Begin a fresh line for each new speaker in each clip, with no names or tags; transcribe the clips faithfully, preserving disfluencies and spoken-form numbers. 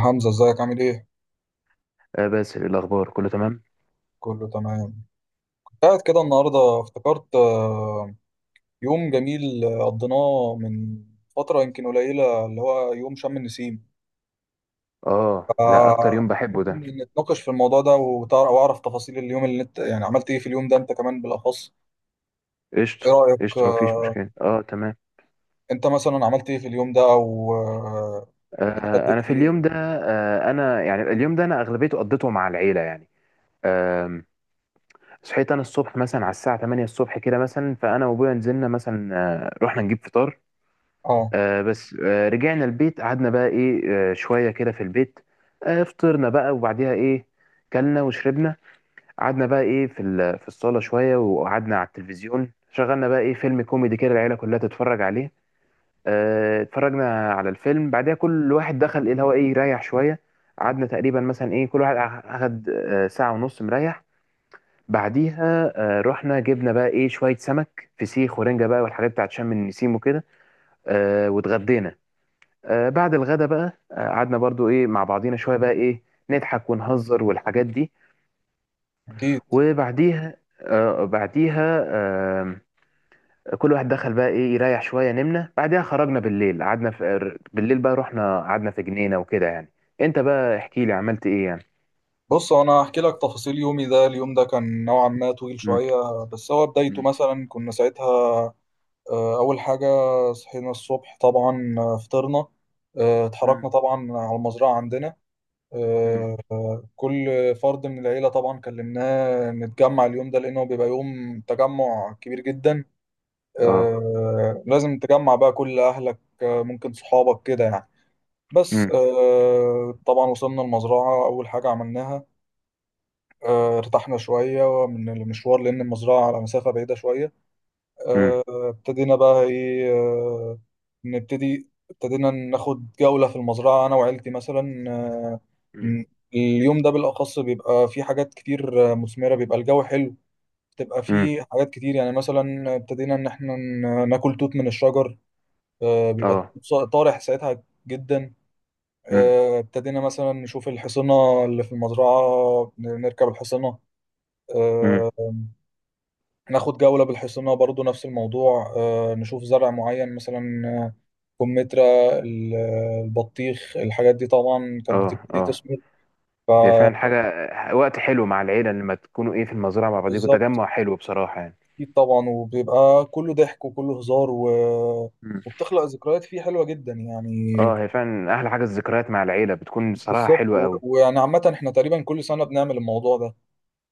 حمزة ازيك عامل ايه؟
آه، بس الأخبار كله تمام.
كله تمام. كنت قاعد كده النهاردة افتكرت آه، يوم جميل، آه، قضيناه من فترة يمكن قليلة اللي هو يوم شم النسيم.
اه، ده أكتر
آه،
يوم بحبه
ممكن
ده.
نتناقش في الموضوع ده وتعرف واعرف تفاصيل اليوم اللي انت يعني عملت ايه في اليوم ده انت كمان بالأخص. ايه
قشطة
رأيك؟
قشطة، مفيش
آه،
مشكلة. اه، تمام.
انت مثلا عملت ايه في اليوم ده او آه،
آه
اتغديت
أنا في
ايه؟
اليوم ده، آه أنا يعني اليوم ده أنا أغلبيته قضيته مع العيلة يعني. آم، صحيت أنا الصبح مثلا على الساعة ثمانية الصبح كده مثلا، فأنا وأبويا نزلنا مثلا. آه رحنا نجيب فطار.
اه
آه بس آه رجعنا البيت، قعدنا بقى إيه، آه شوية كده في البيت. آه فطرنا بقى وبعديها إيه، كلنا وشربنا، قعدنا بقى ايه في ال- في الصاله شويه، وقعدنا على التلفزيون، شغلنا بقى ايه فيلم كوميدي كده العيله كلها تتفرج عليه. آه، اتفرجنا على الفيلم، بعدها كل واحد دخل ايه اللي هو ايه يريح شويه. قعدنا تقريبا مثلا ايه، كل واحد اخد آه، ساعه ونص مريح. بعديها آه، رحنا جبنا بقى ايه شويه سمك فسيخ ورنجه بقى والحاجات بتاعت شم النسيم وكده. آه، واتغدينا. آه، بعد الغدا بقى آه، قعدنا برضو ايه مع بعضينا شويه بقى ايه، نضحك ونهزر والحاجات دي.
اكيد.
وبعديها آه بعديها آه كل واحد دخل بقى ايه يريح شويه، نمنا، بعديها خرجنا بالليل، قعدنا في بالليل بقى رحنا قعدنا في جنينه وكده يعني. انت بقى احكي لي عملت ايه يعني.
بص انا هحكي لك تفاصيل يومي ده. اليوم ده كان نوعا ما طويل
مم.
شوية، بس هو بدايته
مم.
مثلا كنا ساعتها. آه، أول حاجة صحينا الصبح طبعا، آه، فطرنا، آه،
مم.
اتحركنا طبعا على المزرعة عندنا.
مم.
آه، كل فرد من العيلة طبعا كلمناه نتجمع اليوم ده، لأنه بيبقى يوم تجمع كبير جدا.
اه.
آه، لازم تجمع بقى كل أهلك، آه، ممكن صحابك كده يعني. بس
مم.
آه، طبعا وصلنا المزرعة، أول حاجة عملناها آه، ارتحنا شوية من المشوار، لأن المزرعة على مسافة بعيدة شوية.
مم.
آه، ابتدينا بقى ايه، آه، نبتدي ابتدينا ناخد جولة في المزرعة أنا وعيلتي مثلا. آه،
مم.
م- اليوم ده بالأخص بيبقى فيه حاجات كتير آه، مثمرة، بيبقى الجو حلو، بتبقى
مم.
فيه حاجات كتير. يعني مثلا ابتدينا إن احنا ن- ناكل توت من الشجر. آه، بيبقى
اه.
التوت طارح ساعتها جدا.
مم.
آه، ابتدينا مثلا نشوف الحصنة اللي في المزرعة، ن- نركب الحصنة،
مم.
ناخد جولة بالحصنة برضو نفس الموضوع. آه، نشوف زرع معين مثلا، آه، كمثرى، ال- البطيخ. الحاجات دي طبعا كانت
اه،
بتبتدي
اه،
تسمر.
هي فعلا حاجه. وقت حلو مع العيله لما تكونوا ايه في المزرعه مع بعضيكوا،
فبالظبط،
تجمع حلو بصراحه يعني.
اكيد طبعا، وبيبقى كله ضحك وكله هزار، و...
مم.
وبتخلق ذكريات فيه حلوة جدا يعني.
اه، هي فعلا احلى حاجه الذكريات مع العيله، بتكون بصراحه
بالظبط.
حلوه
و-
قوي.
ويعني عامة احنا تقريبا كل سنة بنعمل الموضوع ده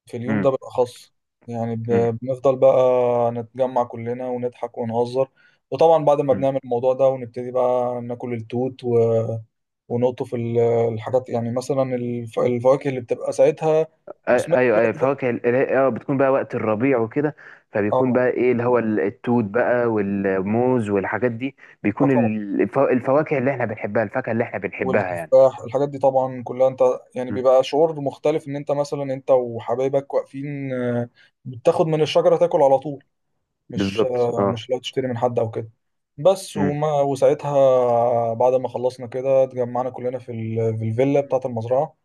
في اليوم ده بالأخص. يعني ب- بنفضل بقى نتجمع كلنا ونضحك ونهزر. وطبعا بعد ما بنعمل الموضوع ده ونبتدي بقى ناكل التوت و... ونقطف ال- الحاجات، يعني مثلا الف... الفواكه اللي بتبقى ساعتها
آه،
مثمرة في
ايوه
الوقت
ايوه،
ده.
فواكه ال- ال- اه بتكون بقى وقت الربيع وكده. فبيكون
اه
بقى ايه اللي هو ال- التوت بقى والموز والحاجات دي.
اه
بيكون
طبعا،
ال- الف- الفواكه اللي احنا بنحبها، الفاكهة اللي احنا بنحبها يعني.
والتفاح الحاجات دي طبعا كلها. انت يعني
مم.
بيبقى شعور مختلف ان انت مثلا انت وحبايبك واقفين، آه، بتاخد من الشجرة تاكل على طول، مش
بالظبط اه.
مش لو تشتري من حد او كده. بس
امم.
وما وساعتها بعد ما خلصنا كده اتجمعنا كلنا في ال... في الفيلا
مم.
بتاعة المزرعة.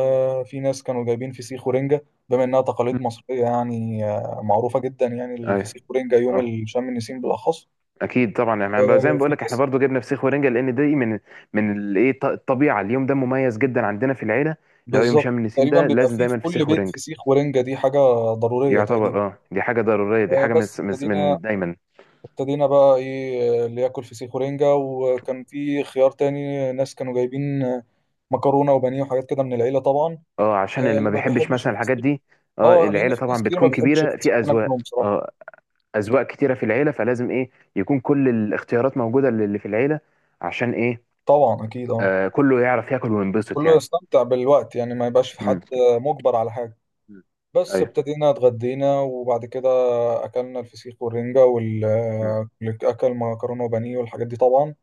مم.
في ناس كانوا جايبين فسيخ ورنجة، بما انها
مم.
تقاليد مصرية يعني آه معروفة جدا، يعني
ايوه.
الفسيخ ورنجة يوم
اه.
ال- شم النسيم بالاخص.
اكيد طبعا، احنا بقى- زي
آه
ما بقول
في
لك، احنا
ناس.
برضو جبنا فسيخ ورنجة لان دي من من الايه الط- الطبيعة. اليوم ده مميز جدا عندنا في العيلة. لو يوم
بالظبط،
شم النسيم
تقريبا
ده
بيبقى
لازم
فيه في
دايما
كل
فسيخ
بيت
ورنجة.
فسيخ ورنجة، دي حاجة ضرورية تقريبا.
يعتبر اه، دي حاجة ضرورية، دي
آه
حاجة من
بس
من
ابتدينا
من دايما.
ابتدينا بقى ايه، آه، اللي ياكل فسيخ ورنجة، وكان في خيار تاني ناس كانوا جايبين مكرونه وبانيه وحاجات كده من العيله طبعا.
اه، عشان
آه،
اللي ما
اللي ما
بيحبش
بيحبش
مثلا الحاجات
الفسيخ،
دي. اه،
اه لان
العيله
في ناس
طبعا
كتير ما
بتكون
بتحبش
كبيره
الفسيخ،
في
انا
اذواق،
منهم بصراحه.
اه. اذواق كتيره في العيله، فلازم ايه يكون كل الاختيارات موجوده اللي في العيله، عشان ايه
طبعا اكيد، اه
آه كله يعرف ياكل وينبسط
كله
يعني.
يستمتع بالوقت يعني، ما يبقاش في حد
امم.
مجبر على حاجه. بس
ايوه.
ابتدينا اتغدينا، وبعد كده اكلنا الفسيخ والرنجه وال آه، اكل مكرونه وبانيه والحاجات دي طبعا.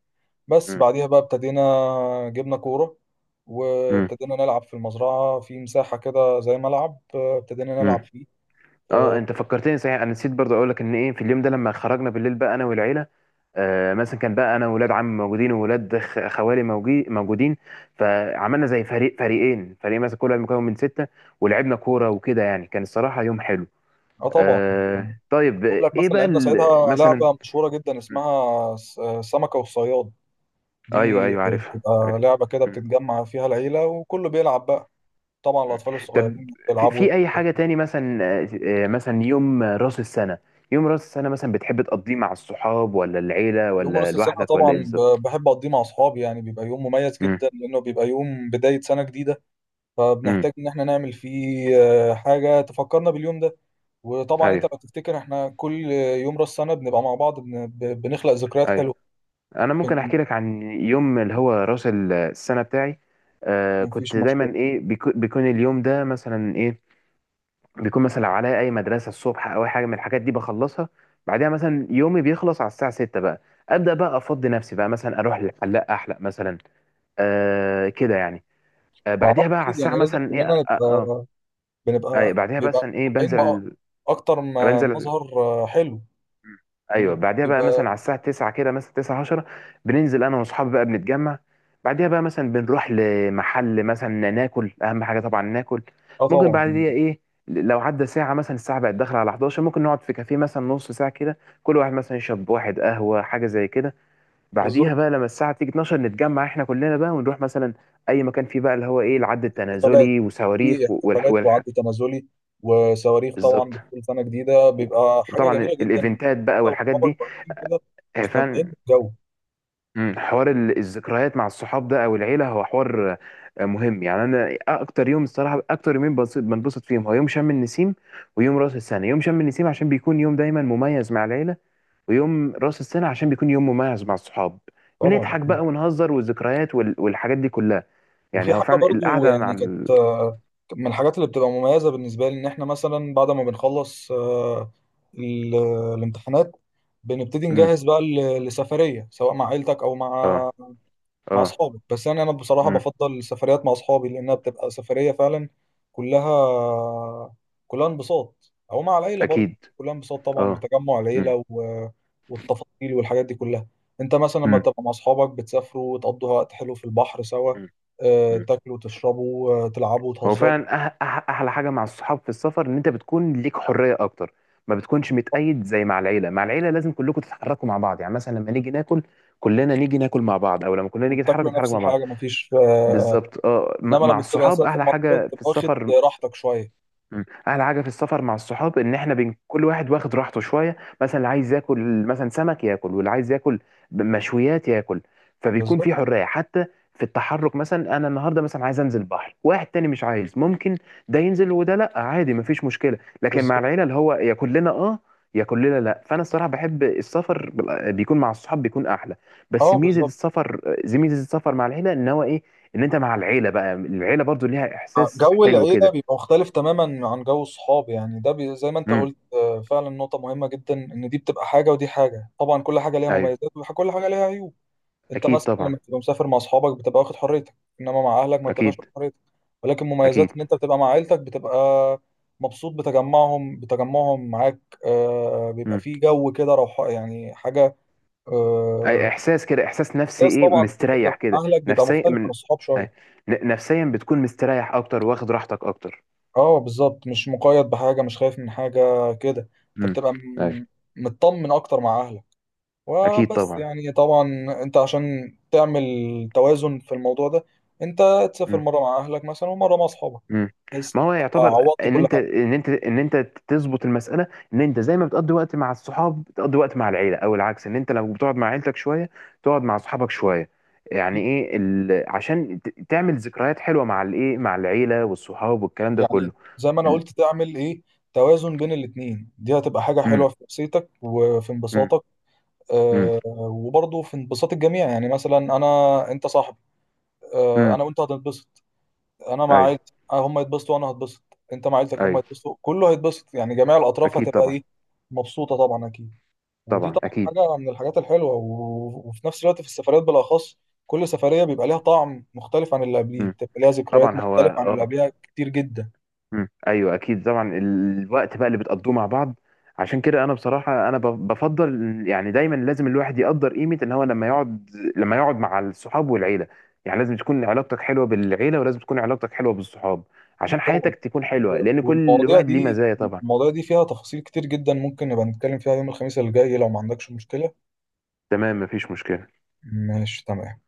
بس
امم.
بعديها بقى ابتدينا جبنا كوره، وابتدينا نلعب في المزرعه في مساحه كده زي ملعب، آه، ابتدينا نلعب
امم.
فيه. اه،
اه، انت فكرتني صحيح، انا نسيت برضه اقول لك ان ايه في اليوم ده لما خرجنا بالليل بقى انا والعيله. آه مثلا كان بقى انا وولاد عمي موجودين وولاد خ- خوالي موجي- موجودين، فعملنا زي فريق فريقين فريق مثلا كل واحد مكون من سته، ولعبنا كوره وكده يعني، كان الصراحه يوم حلو.
آه، طبعا.
آه طيب،
بقول لك
ايه
مثلا
بقى
لعبنا
ال-
ساعتها
مثلا.
لعبة مشهورة جدا
م.
اسمها س- سمكة والصياد دي،
ايوه ايوه، عارفها
بتبقى
عارفها.
لعبة كده بتتجمع فيها العيلة وكله بيلعب بقى، طبعا
مم.
الأطفال
طب
الصغيرين
في,
بيلعبوا.
في اي حاجه تاني مثلا آه، آه، مثلا يوم راس السنه. يوم راس السنه مثلا بتحب تقضيه مع الصحاب ولا العيله
يوم
ولا
رأس السنة
لوحدك ولا ايه
طبعا ب-
بالظبط؟
بحب أقضيه مع أصحابي يعني، بيبقى يوم مميز
امم.
جدا لأنه بيبقى يوم بداية سنة جديدة.
امم.
فبنحتاج إن إحنا نعمل فيه آه، حاجة تفكرنا باليوم ده. وطبعا أنت
ايوه.
لو تفتكر إحنا كل يوم رأس السنة بنبقى مع بعض، بن- ب- بنخلق ذكريات
ايوه.
حلوة.
انا ممكن
بن-
احكي لك عن يوم اللي هو راس السنه بتاعي. آه كنت
مفيش مشكلة.
دايما ايه بيكو- بيكون اليوم ده مثلا ايه، بيكون مثلا لو عليا اي مدرسه الصبح او اي حاجه من الحاجات دي بخلصها. بعدها مثلا يومي بيخلص على الساعه ستة بقى، ابدا بقى افضي نفسي بقى مثلا اروح للحلاق احلق مثلا، آه كده يعني. آه،
مع بعض
بعديها بقى على
أكيد، يعني
الساعه
لازم
مثلا ايه
كلنا
اه, آه, آه
نبقى.
آه، آه،
بنبقى
بعديها
بيبقى
مثلا ايه،
متطبعين بقى
بنزل
اكتر ما
بنزل
مظهر. آه، حلو،
ايوه،
لان
بعديها بقى مثلا
بيبقى،
على الساعه تسعة كده مثلا تسعة عشرة، بننزل انا واصحابي بقى بنتجمع. بعديها بقى مثلا بنروح لمحل مثلا ناكل، اهم حاجه طبعا ناكل.
اه
ممكن
طبعا.
بعديها ايه، لو عدى ساعه مثلا الساعه بقت داخله على احد عشر، ممكن نقعد في كافيه مثلا نص ساعه كده كل واحد مثلا يشرب واحد قهوه حاجه زي كده. بعديها
بالظبط،
بقى لما الساعه تيجي اتناشر نتجمع احنا كلنا بقى ونروح مثلا اي مكان فيه بقى اللي هو ايه العد
احتفالات،
التنازلي
في
وصواريخ
احتفالات وعد
والحاجات.
تنازلي وصواريخ، طبعا
بالظبط.
بكل سنه جديده
و-
بيبقى حاجه
وطبعا
جميله جدا.
الايفنتات بقى
انت
والحاجات دي.
واصحابك واقفين كده
آه،
مستمتعين
فعلا.
بالجو.
مم، حوار ال- الذكريات مع الصحاب ده او العيله هو حوار آه، مهم يعني، انا اكتر يوم الصراحه اكتر يومين بنبسط بنبسط فيهم هو يوم شم النسيم ويوم راس السنه. يوم شم النسيم عشان بيكون يوم دايما مميز مع العيله، ويوم راس السنه عشان بيكون يوم مميز مع الصحاب.
طبعا
بنضحك بقى
أكيد.
ونهزر والذكريات وال- والحاجات دي كلها،
وفي
يعني هو
حاجه
فعلا
برضو
القعده مع
يعني
ال...
كانت، آه، من الحاجات اللي بتبقى مميزه بالنسبه لي ان احنا مثلا بعد ما بنخلص، آه، ال- الامتحانات بنبتدي
مم،
نجهز بقى ل- لسفريه، سواء مع عيلتك او مع،
اه،
مع
اه.
اصحابي. بس يعني انا بصراحه
مم،
بفضل السفريات مع اصحابي لانها بتبقى سفريه فعلا كلها كلها انبساط، او مع العيله برضه
اكيد
كلها انبساط. طبعا
اه.
بتجمع
مم.
العيله و... والتفاصيل والحاجات دي كلها. انت مثلا لما
مم.
تبقى مع اصحابك بتسافروا وتقضوا وقت حلو في البحر سوا،
مم.
آه،
مم.
تاكلوا وتشربوا، آه، تلعبوا
هو
وتهزروا،
فعلا أح أح احلى حاجه مع الصحاب في السفر ان انت بتكون ليك حريه اكتر، ما بتكونش متقيد زي مع العيله. مع العيله لازم كلكم تتحركوا مع بعض، يعني مثلا لما نيجي ناكل كلنا نيجي ناكل مع بعض، او لما كلنا نيجي نتحرك
وتاكلوا
نتحرك
نفس
مع بعض.
الحاجه مفيش.
بالظبط اه، م-
انما
مع
لما بتبقى
الصحاب
مسافر
احلى
مع اصحابك
حاجه في
بتبقى واخد
السفر.
راحتك شويه.
مم. احلى حاجه في السفر مع الصحاب ان احنا بين كل واحد واخد راحته شويه، مثلا اللي عايز ياكل مثلا سمك ياكل، واللي عايز ياكل مشويات ياكل. فبيكون
بالظبط،
في حريه حتى في التحرك، مثلا انا النهارده مثلا عايز انزل بحر واحد تاني مش عايز، ممكن ده ينزل وده لا، عادي مفيش مشكله. لكن مع
بالظبط،
العيله اللي هو يا كلنا اه، يا كلنا لا. فانا الصراحه بحب السفر بال- بيكون مع الصحاب بيكون احلى. بس
اه
ميزه
بالظبط.
السفر زي ميزه السفر مع العيله ان هو ايه، ان انت مع العيله بقى العيله برضو ليها
آه،
احساس
جو
حلو
العيلة
كده.
بيبقى مختلف تماما عن جو الصحاب، يعني ده بي زي ما انت
امم.
قلت، آه، فعلا نقطة مهمة جدا، ان دي بتبقى حاجة ودي حاجة، طبعا كل حاجة ليها
ايوه.
مميزات وكل حاجة ليها عيوب. انت
اكيد
مثلا
طبعا.
لما بتبقى مسافر مع اصحابك بتبقى واخد حريتك، انما مع اهلك ما بتبقاش
اكيد.
واخد حريتك. ولكن
اكيد.
مميزات ان انت بتبقى مع عيلتك بتبقى مبسوط، بتجمعهم بتجمعهم معاك. آه، بيبقى
مم.
فيه جو كده روح، يعني حاجة.
أي
آه،
احساس كده، احساس نفسي
بس
ايه
طبعا انت بتبقى
مستريح
مع
كده
اهلك بيبقى
نفسيا
مختلف عن
من.
الصحاب شوية.
أي. ن- نفسيا بتكون مستريح اكتر واخد راحتك اكتر.
اه بالظبط، مش مقيد بحاجة، مش خايف من حاجة كده. انت
مم.
بتبقى م-
أي.
مطمن اكتر مع اهلك.
اكيد
وبس
طبعا.
يعني طبعا انت عشان تعمل توازن في الموضوع ده، انت تسافر
مم.
مرة مع اهلك مثلا ومرة مع اصحابك،
مم.
بحيث
ما هو
تبقى
يعتبر
عوضت
ان
كل
انت
حاجة.
ان انت ان انت تظبط المساله، ان انت زي ما بتقضي وقت مع الصحاب بتقضي وقت مع العيله، او العكس ان انت لو بتقعد مع عيلتك شويه تقعد مع صحابك شويه، يعني ايه ال... عشان ت- تعمل ذكريات حلوه مع الايه مع العيله والصحاب والكلام ده كله.
يعني زي ما انا
ال...
قلت تعمل ايه، توازن بين الاتنين، دي هتبقى حاجة
مم.
حلوة في نفسيتك وفي
مم.
انبساطك.
امم.
آه وبرضه في انبساط الجميع، يعني مثلا انا انت صاحبي، آه
امم.
انا وانت هتنبسط، انا مع
ايوه.
عيلتي آه، هم يتبسطوا وانا هتبسط، انت مع عيلتك هم
ايوه.
يتبسطوا، كله هيتبسط، يعني جميع الاطراف
اكيد
هتبقى
طبعا.
ايه، مبسوطه طبعا اكيد. ودي
طبعا
طبعا
اكيد.
حاجه من الحاجات الحلوه. و... وفي نفس الوقت في السفريات بالاخص، كل سفريه بيبقى ليها طعم مختلف عن اللي قبليه،
امم.
بتبقى ليها ذكريات
طبعا هو
مختلفه عن اللي
اه.
قبلها كتير جدا.
امم. ايوه اكيد طبعا، الوقت بقى اللي بتقضوه مع بعض. عشان كده انا بصراحه انا ب- بفضل يعني دايما، لازم الواحد يقدر قيمه ان هو لما يقعد، لما يقعد مع الصحاب والعيله، يعني لازم تكون علاقتك حلوه بالعيله ولازم تكون علاقتك حلوه بالصحاب
اكيد
عشان
طبعا.
حياتك تكون
و...
حلوه لان كل
والمواضيع
واحد ليه
دي
مزايا طبعا.
المواضيع دي فيها تفاصيل كتير جدا، ممكن نبقى نتكلم فيها يوم الخميس اللي جاي لو ما عندكش مشكله.
تمام مفيش مشكله.
ماشي تمام.